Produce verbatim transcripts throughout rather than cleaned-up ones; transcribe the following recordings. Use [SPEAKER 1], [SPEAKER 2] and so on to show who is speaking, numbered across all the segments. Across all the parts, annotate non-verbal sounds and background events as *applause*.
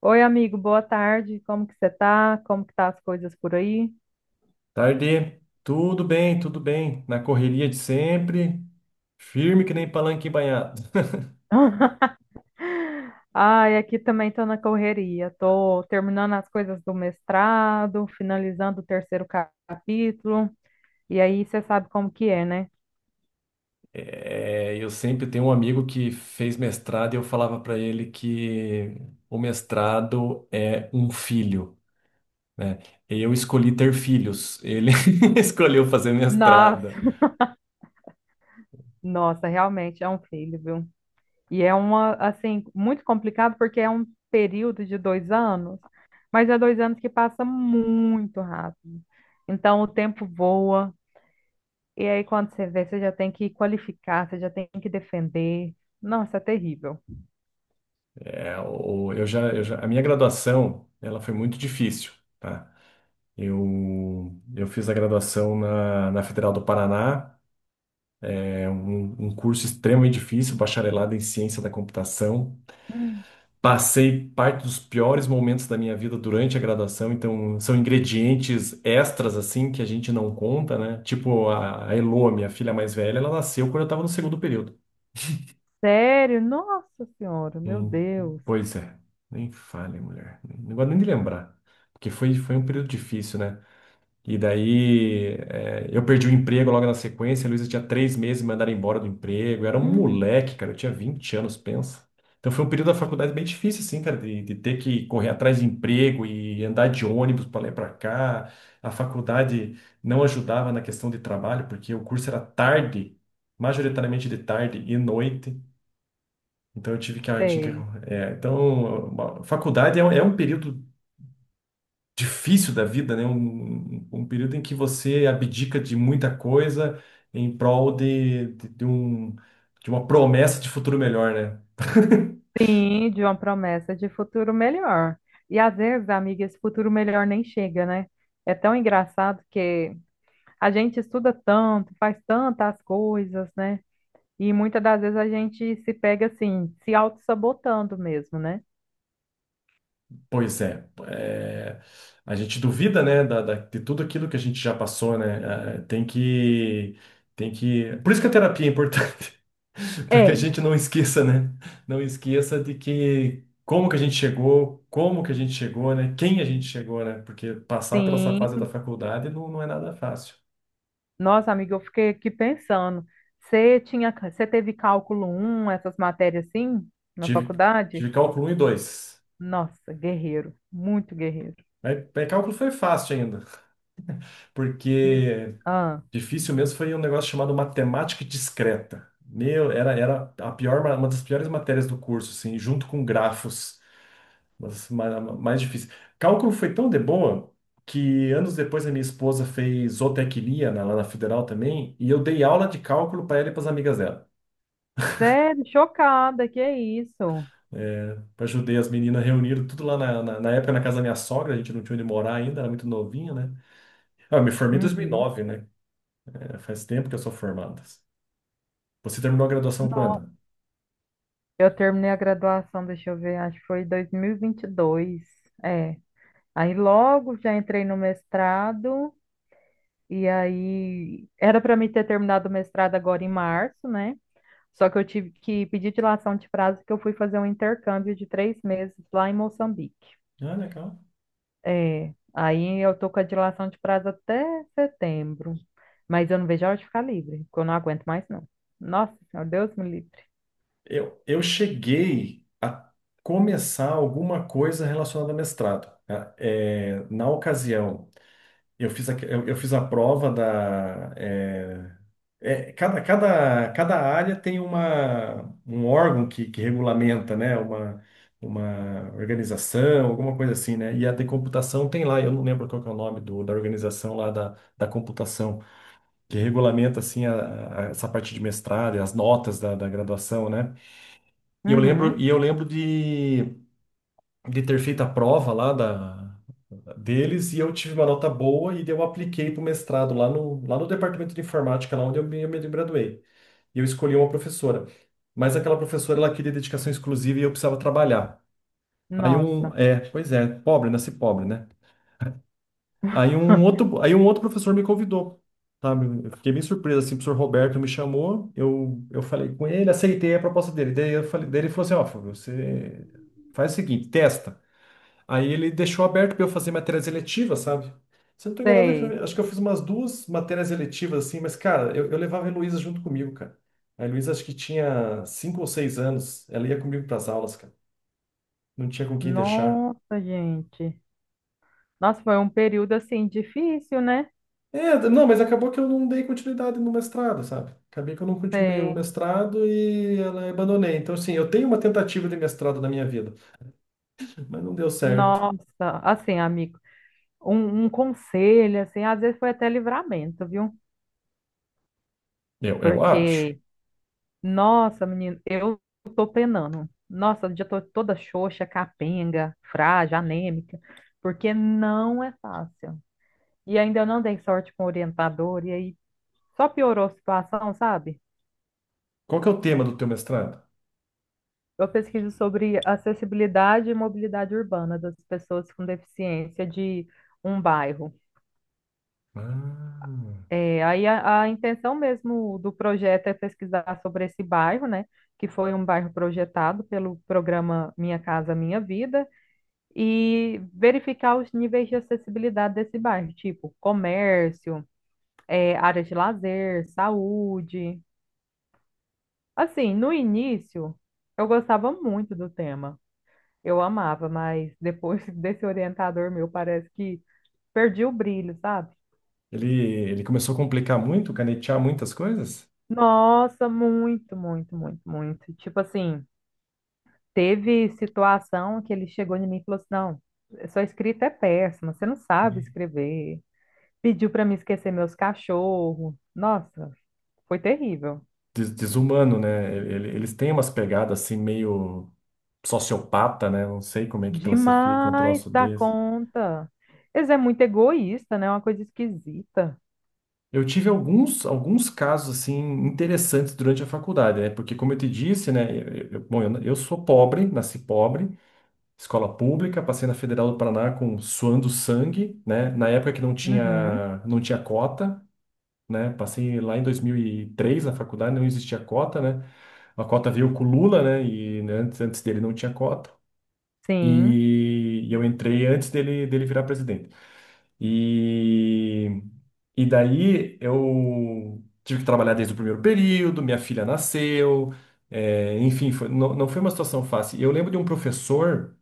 [SPEAKER 1] Oi, amigo, boa tarde. Como que você tá? Como que tá as coisas por aí?
[SPEAKER 2] Tarde, tudo bem, tudo bem. Na correria de sempre, firme que nem palanque embanhado.
[SPEAKER 1] *laughs* Ai, aqui também tô na correria. Tô terminando as coisas do mestrado, finalizando o terceiro ca- capítulo. E aí você sabe como que é, né?
[SPEAKER 2] É, eu sempre tenho um amigo que fez mestrado e eu falava para ele que o mestrado é um filho, né? Eu escolhi ter filhos, ele *laughs* escolheu fazer
[SPEAKER 1] Nossa,
[SPEAKER 2] mestrado.
[SPEAKER 1] *laughs* nossa, realmente é um filho, viu? E é uma, assim, muito complicado porque é um período de dois anos, mas é dois anos que passa muito rápido. Então o tempo voa. E aí, quando você vê, você já tem que qualificar, você já tem que defender. Nossa, é terrível.
[SPEAKER 2] É, o- eu já, eu já- a minha graduação, ela foi muito difícil, tá? Eu, eu fiz a graduação na, na Federal do Paraná. É um, um curso extremamente difícil, bacharelado em ciência da computação. Passei parte dos piores momentos da minha vida durante a graduação, então são ingredientes extras assim que a gente não conta, né? Tipo a a Elô, minha filha mais velha, ela nasceu quando eu estava no segundo período.
[SPEAKER 1] Sério? Nossa Senhora, meu
[SPEAKER 2] Hum,
[SPEAKER 1] Deus.
[SPEAKER 2] pois é, nem fale, mulher. Não gosto nem de lembrar, porque foi, foi um período difícil, né? E daí é, eu perdi o emprego logo na sequência. A Luísa tinha três meses, me mandaram embora do emprego. Eu era um
[SPEAKER 1] Hum.
[SPEAKER 2] moleque, cara. Eu tinha vinte anos, pensa. Então foi um período da faculdade bem difícil, assim, cara, de, de ter que correr atrás de emprego e andar de ônibus para lá e para cá. A faculdade não ajudava na questão de trabalho, porque o curso era tarde, majoritariamente de tarde e noite. Então eu tive que. Eu Tinha que
[SPEAKER 1] Sei.
[SPEAKER 2] é, então, a faculdade é, um- é um período difícil da vida, né? Um, um período em que você abdica de muita coisa em prol de, de, de um, de uma promessa de futuro melhor, né? *laughs*
[SPEAKER 1] Sim, de uma promessa de futuro melhor. E às vezes, amiga, esse futuro melhor nem chega, né? É tão engraçado que a gente estuda tanto, faz tantas coisas, né? E muitas das vezes a gente se pega assim, se auto-sabotando mesmo, né?
[SPEAKER 2] Pois é, é, a gente duvida, né, da, da- de tudo aquilo que a gente já passou, né? É, Tem que, tem que. Por isso que a terapia é importante, *laughs* para que a
[SPEAKER 1] É.
[SPEAKER 2] gente não esqueça, né? Não esqueça de que como que a gente chegou, como que a gente chegou, né? Quem a gente chegou, né? Porque passar pela essa fase da
[SPEAKER 1] Sim.
[SPEAKER 2] faculdade não, não é nada fácil.
[SPEAKER 1] Nossa, amiga, eu fiquei aqui pensando. Você tinha, você teve cálculo um, essas matérias assim, na
[SPEAKER 2] Tive,
[SPEAKER 1] faculdade?
[SPEAKER 2] tive cálculo um e dois.
[SPEAKER 1] Nossa, guerreiro, muito guerreiro.
[SPEAKER 2] Mas, mas cálculo foi fácil ainda,
[SPEAKER 1] Hum.
[SPEAKER 2] porque...
[SPEAKER 1] Ah,
[SPEAKER 2] Difícil mesmo foi um negócio chamado matemática discreta. Meu, era, era a pior, ma- uma das piores matérias do curso, assim, junto com grafos, mas ma- mais difícil. Cálculo foi tão de boa que anos depois a minha esposa fez zootecnia na, lá na Federal também, e eu dei aula de cálculo para ela e para as amigas dela.
[SPEAKER 1] sério, chocada, que é isso?
[SPEAKER 2] Eu ajudei as meninas reuniram tudo lá na, na, na época na casa da minha sogra, a gente não tinha onde morar ainda, era muito novinha, né? Ah, eu me formei em dois mil e
[SPEAKER 1] Uhum.
[SPEAKER 2] nove né? É, faz tempo que eu sou formado. Você terminou a graduação
[SPEAKER 1] Não,
[SPEAKER 2] quando?
[SPEAKER 1] eu terminei a graduação, deixa eu ver, acho que foi dois mil e vinte e dois. É. Aí logo já entrei no mestrado e aí era para mim ter terminado o mestrado agora em março, né? Só que eu tive que pedir dilação de prazo porque eu fui fazer um intercâmbio de três meses lá em Moçambique.
[SPEAKER 2] Ah, legal.
[SPEAKER 1] É, aí eu tô com a dilação de prazo até setembro, mas eu não vejo a hora de ficar livre, porque eu não aguento mais não. Nossa, meu Deus me livre.
[SPEAKER 2] Eu, eu cheguei a começar alguma coisa relacionada a mestrado, né? É, na ocasião, eu fiz a, eu, eu fiz a prova da... é, é, cada, cada, cada área tem uma, um órgão que, que regulamenta, né? Uma, uma organização, alguma coisa assim, né? E a de computação tem lá, eu não lembro qual que é o nome do, da organização lá da, da computação, que regulamenta assim a, a- essa parte de mestrado e as notas da, da graduação, né? E eu lembro,
[SPEAKER 1] Uhum.
[SPEAKER 2] e eu lembro de, de ter feito a prova lá da, deles e eu tive uma nota boa e daí eu apliquei para o mestrado lá no, lá no departamento de informática, lá onde eu me, eu me graduei. E eu escolhi uma professora. Mas aquela professora, ela queria dedicação exclusiva e eu precisava trabalhar. Aí um,
[SPEAKER 1] Nossa.
[SPEAKER 2] é, pois é, pobre, nasci pobre, né? Aí um
[SPEAKER 1] *laughs*
[SPEAKER 2] outro, aí um outro professor me convidou, sabe? Eu fiquei bem surpreso, assim, o professor Roberto me chamou, eu, eu falei com ele, aceitei a proposta dele. Daí, eu falei, daí ele falou assim, ó, Fábio, você faz o seguinte, testa. Aí ele deixou aberto para eu fazer matérias eletivas, sabe? Se eu não tô enganado, acho
[SPEAKER 1] Sei.
[SPEAKER 2] que acho que eu fiz umas duas matérias eletivas, assim, mas, cara, eu, eu levava a Heloísa junto comigo, cara. A Heloísa acho que tinha cinco ou seis anos, ela ia comigo para as aulas, cara. Não tinha com quem deixar.
[SPEAKER 1] Nossa, gente. Nossa, foi um período assim difícil, né?
[SPEAKER 2] É, não, mas acabou que eu não dei continuidade no mestrado, sabe? Acabei que eu não continuei o
[SPEAKER 1] Sei.
[SPEAKER 2] mestrado e ela abandonei. Então, assim, eu tenho uma tentativa de mestrado na minha vida, mas não deu certo.
[SPEAKER 1] Nossa, assim, amigo, um, um conselho, assim, às vezes foi até livramento, viu?
[SPEAKER 2] Eu, eu acho.
[SPEAKER 1] Porque nossa, menino, eu tô penando. Nossa, eu já tô toda xoxa, capenga, frágil, anêmica, porque não é fácil. E ainda eu não dei sorte com o orientador, e aí só piorou a situação, sabe?
[SPEAKER 2] Qual que é o tema do teu mestrado?
[SPEAKER 1] Eu pesquiso sobre acessibilidade e mobilidade urbana das pessoas com deficiência de um bairro.
[SPEAKER 2] Ah,
[SPEAKER 1] É, aí a, a intenção mesmo do projeto é pesquisar sobre esse bairro, né? Que foi um bairro projetado pelo programa Minha Casa Minha Vida e verificar os níveis de acessibilidade desse bairro, tipo comércio, eh, áreas de lazer, saúde. Assim, no início, eu gostava muito do tema, eu amava, mas depois *laughs* desse orientador meu, parece que perdi o brilho, sabe?
[SPEAKER 2] ele, ele começou a complicar muito, canetear muitas coisas?
[SPEAKER 1] Nossa, muito, muito, muito, muito. Tipo assim, teve situação que ele chegou em mim e falou assim: não, sua escrita é péssima, você não sabe escrever. Pediu para me esquecer meus cachorros. Nossa, foi terrível.
[SPEAKER 2] Des- desumano, né? Ele- eles têm umas pegadas assim meio sociopata, né? Não sei como é que classifica um
[SPEAKER 1] Demais
[SPEAKER 2] troço
[SPEAKER 1] da
[SPEAKER 2] desse.
[SPEAKER 1] conta. Eles é muito egoísta, né? É uma coisa esquisita.
[SPEAKER 2] Eu tive alguns, alguns casos assim interessantes durante a faculdade, né? Porque como eu te disse, né, eu, eu- bom, eu, eu sou pobre, nasci pobre, escola pública, passei na Federal do Paraná com suando sangue, né? Na época que não
[SPEAKER 1] Uhum.
[SPEAKER 2] tinha não tinha cota, né? Passei lá em dois mil e três na faculdade, não existia cota, né? A cota veio com o Lula, né? E né, antes, antes dele não tinha cota.
[SPEAKER 1] Sim,
[SPEAKER 2] E, e eu entrei antes dele dele virar presidente. E, e daí eu tive que trabalhar desde o primeiro período, minha filha nasceu, é, enfim, foi- não, não foi uma situação fácil. E eu lembro de um professor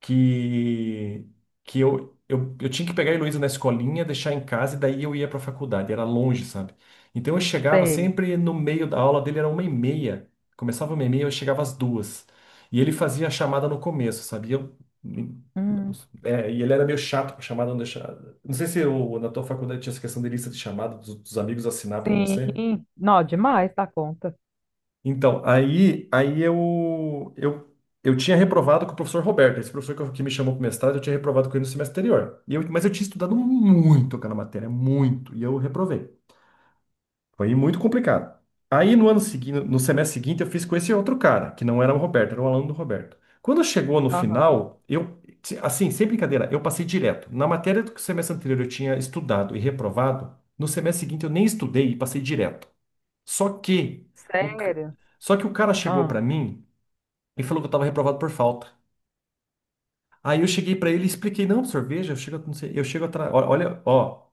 [SPEAKER 2] que, que eu, eu, eu tinha que pegar a Heloísa na escolinha, deixar em casa e daí eu ia para a faculdade, era longe, sabe? Então eu chegava
[SPEAKER 1] sei.
[SPEAKER 2] sempre no meio da aula dele, era uma e meia, começava uma e meia, eu chegava às duas. E ele fazia a chamada no começo, sabe? E eu,
[SPEAKER 1] Hum.
[SPEAKER 2] é, e ele era meio chato com chamada, não deixava. Não sei se o- na tua faculdade tinha essa questão de lista de chamada dos, dos amigos assinar para você.
[SPEAKER 1] Sim. Não, demais da conta.
[SPEAKER 2] Então, aí, aí eu, eu, eu tinha reprovado com o professor Roberto, esse professor que, eu- que me chamou para o mestrado, eu tinha reprovado com ele no semestre anterior. E eu, mas eu tinha estudado muito aquela matéria, muito, e eu reprovei. Foi muito complicado. Aí no ano seguinte, no semestre seguinte, eu fiz com esse outro cara, que não era o Roberto, era o aluno do Roberto. Quando chegou no
[SPEAKER 1] Aham.
[SPEAKER 2] final, eu, se- assim, sem brincadeira, eu passei direto. Na matéria do semestre anterior eu tinha estudado e reprovado, no semestre seguinte eu nem estudei e passei direto. Só que o, ca-
[SPEAKER 1] Sério?
[SPEAKER 2] só que o cara chegou
[SPEAKER 1] Ah,
[SPEAKER 2] pra mim e falou que eu tava reprovado por falta. Aí eu cheguei pra ele e expliquei, não, professor, veja, eu chego, não sei, eu chego atrás, ó- olha, ó,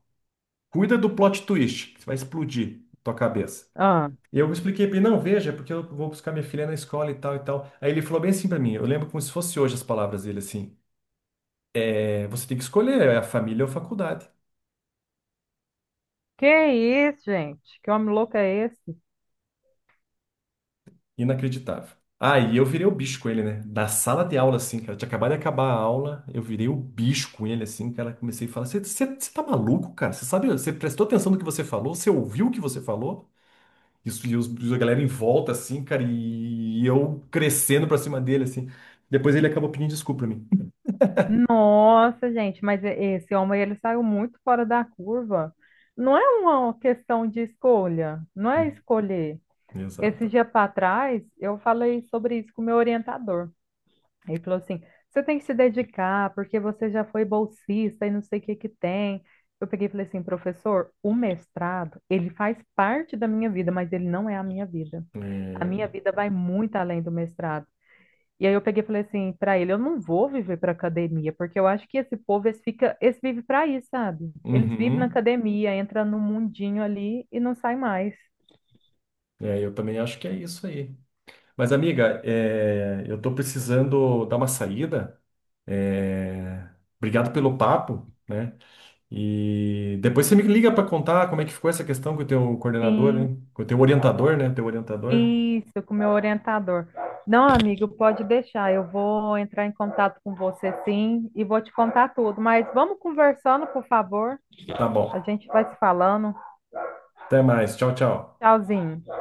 [SPEAKER 2] cuida do plot twist, que vai explodir tua cabeça.
[SPEAKER 1] ah.
[SPEAKER 2] E eu expliquei pra ele, não, veja, é porque eu vou buscar minha filha na escola e tal e tal. Aí ele falou bem assim pra mim, eu lembro como se fosse hoje as palavras dele assim, é, você tem que escolher, é a família ou a faculdade.
[SPEAKER 1] Que isso, gente? Que homem louco é esse?
[SPEAKER 2] Inacreditável. Aí eu virei o bicho com ele, né? Na sala de aula, assim, cara. Tinha acabado de acabar a aula, eu virei o bicho com ele, assim, cara. Comecei a falar: você tá maluco, cara? Você sabe, você prestou atenção no que você falou? Você ouviu o que você falou? Isso, e os, a galera em volta, assim, cara, e eu crescendo pra cima dele, assim. Depois ele acabou pedindo desculpa pra mim.
[SPEAKER 1] Nossa, gente, mas e- esse homem ele saiu muito fora da curva. Não é uma questão de escolha, não é
[SPEAKER 2] Hum,
[SPEAKER 1] escolher. Esse
[SPEAKER 2] Exato.
[SPEAKER 1] dia para trás, eu falei sobre isso com o meu orientador. Ele falou assim: você tem que se dedicar, porque você já foi bolsista e não sei o que que tem. Eu peguei e falei assim: professor, o mestrado, ele faz parte da minha vida, mas ele não é a minha vida. A minha
[SPEAKER 2] É...
[SPEAKER 1] vida vai muito além do mestrado. E aí eu peguei e falei assim para ele: eu não vou viver para academia, porque eu acho que esse povo, eles fica, eles vivem para isso, sabe? Eles vivem na
[SPEAKER 2] Uhum.
[SPEAKER 1] academia, entra no mundinho ali e não sai mais.
[SPEAKER 2] É, eu também acho que é isso aí. Mas, amiga, é, eu tô precisando dar uma saída. É, obrigado pelo papo, né? E depois você me liga para contar como é que ficou essa questão com o teu coordenador,
[SPEAKER 1] Sim.
[SPEAKER 2] hein? Com o teu orientador, né? Teu orientador.
[SPEAKER 1] Isso, com o meu orientador. Não, amigo, pode deixar. Eu vou entrar em contato com você sim e vou te contar tudo. Mas vamos conversando, por favor.
[SPEAKER 2] Tá
[SPEAKER 1] A
[SPEAKER 2] bom.
[SPEAKER 1] gente vai se falando.
[SPEAKER 2] Até mais. Tchau, tchau.
[SPEAKER 1] Tchauzinho.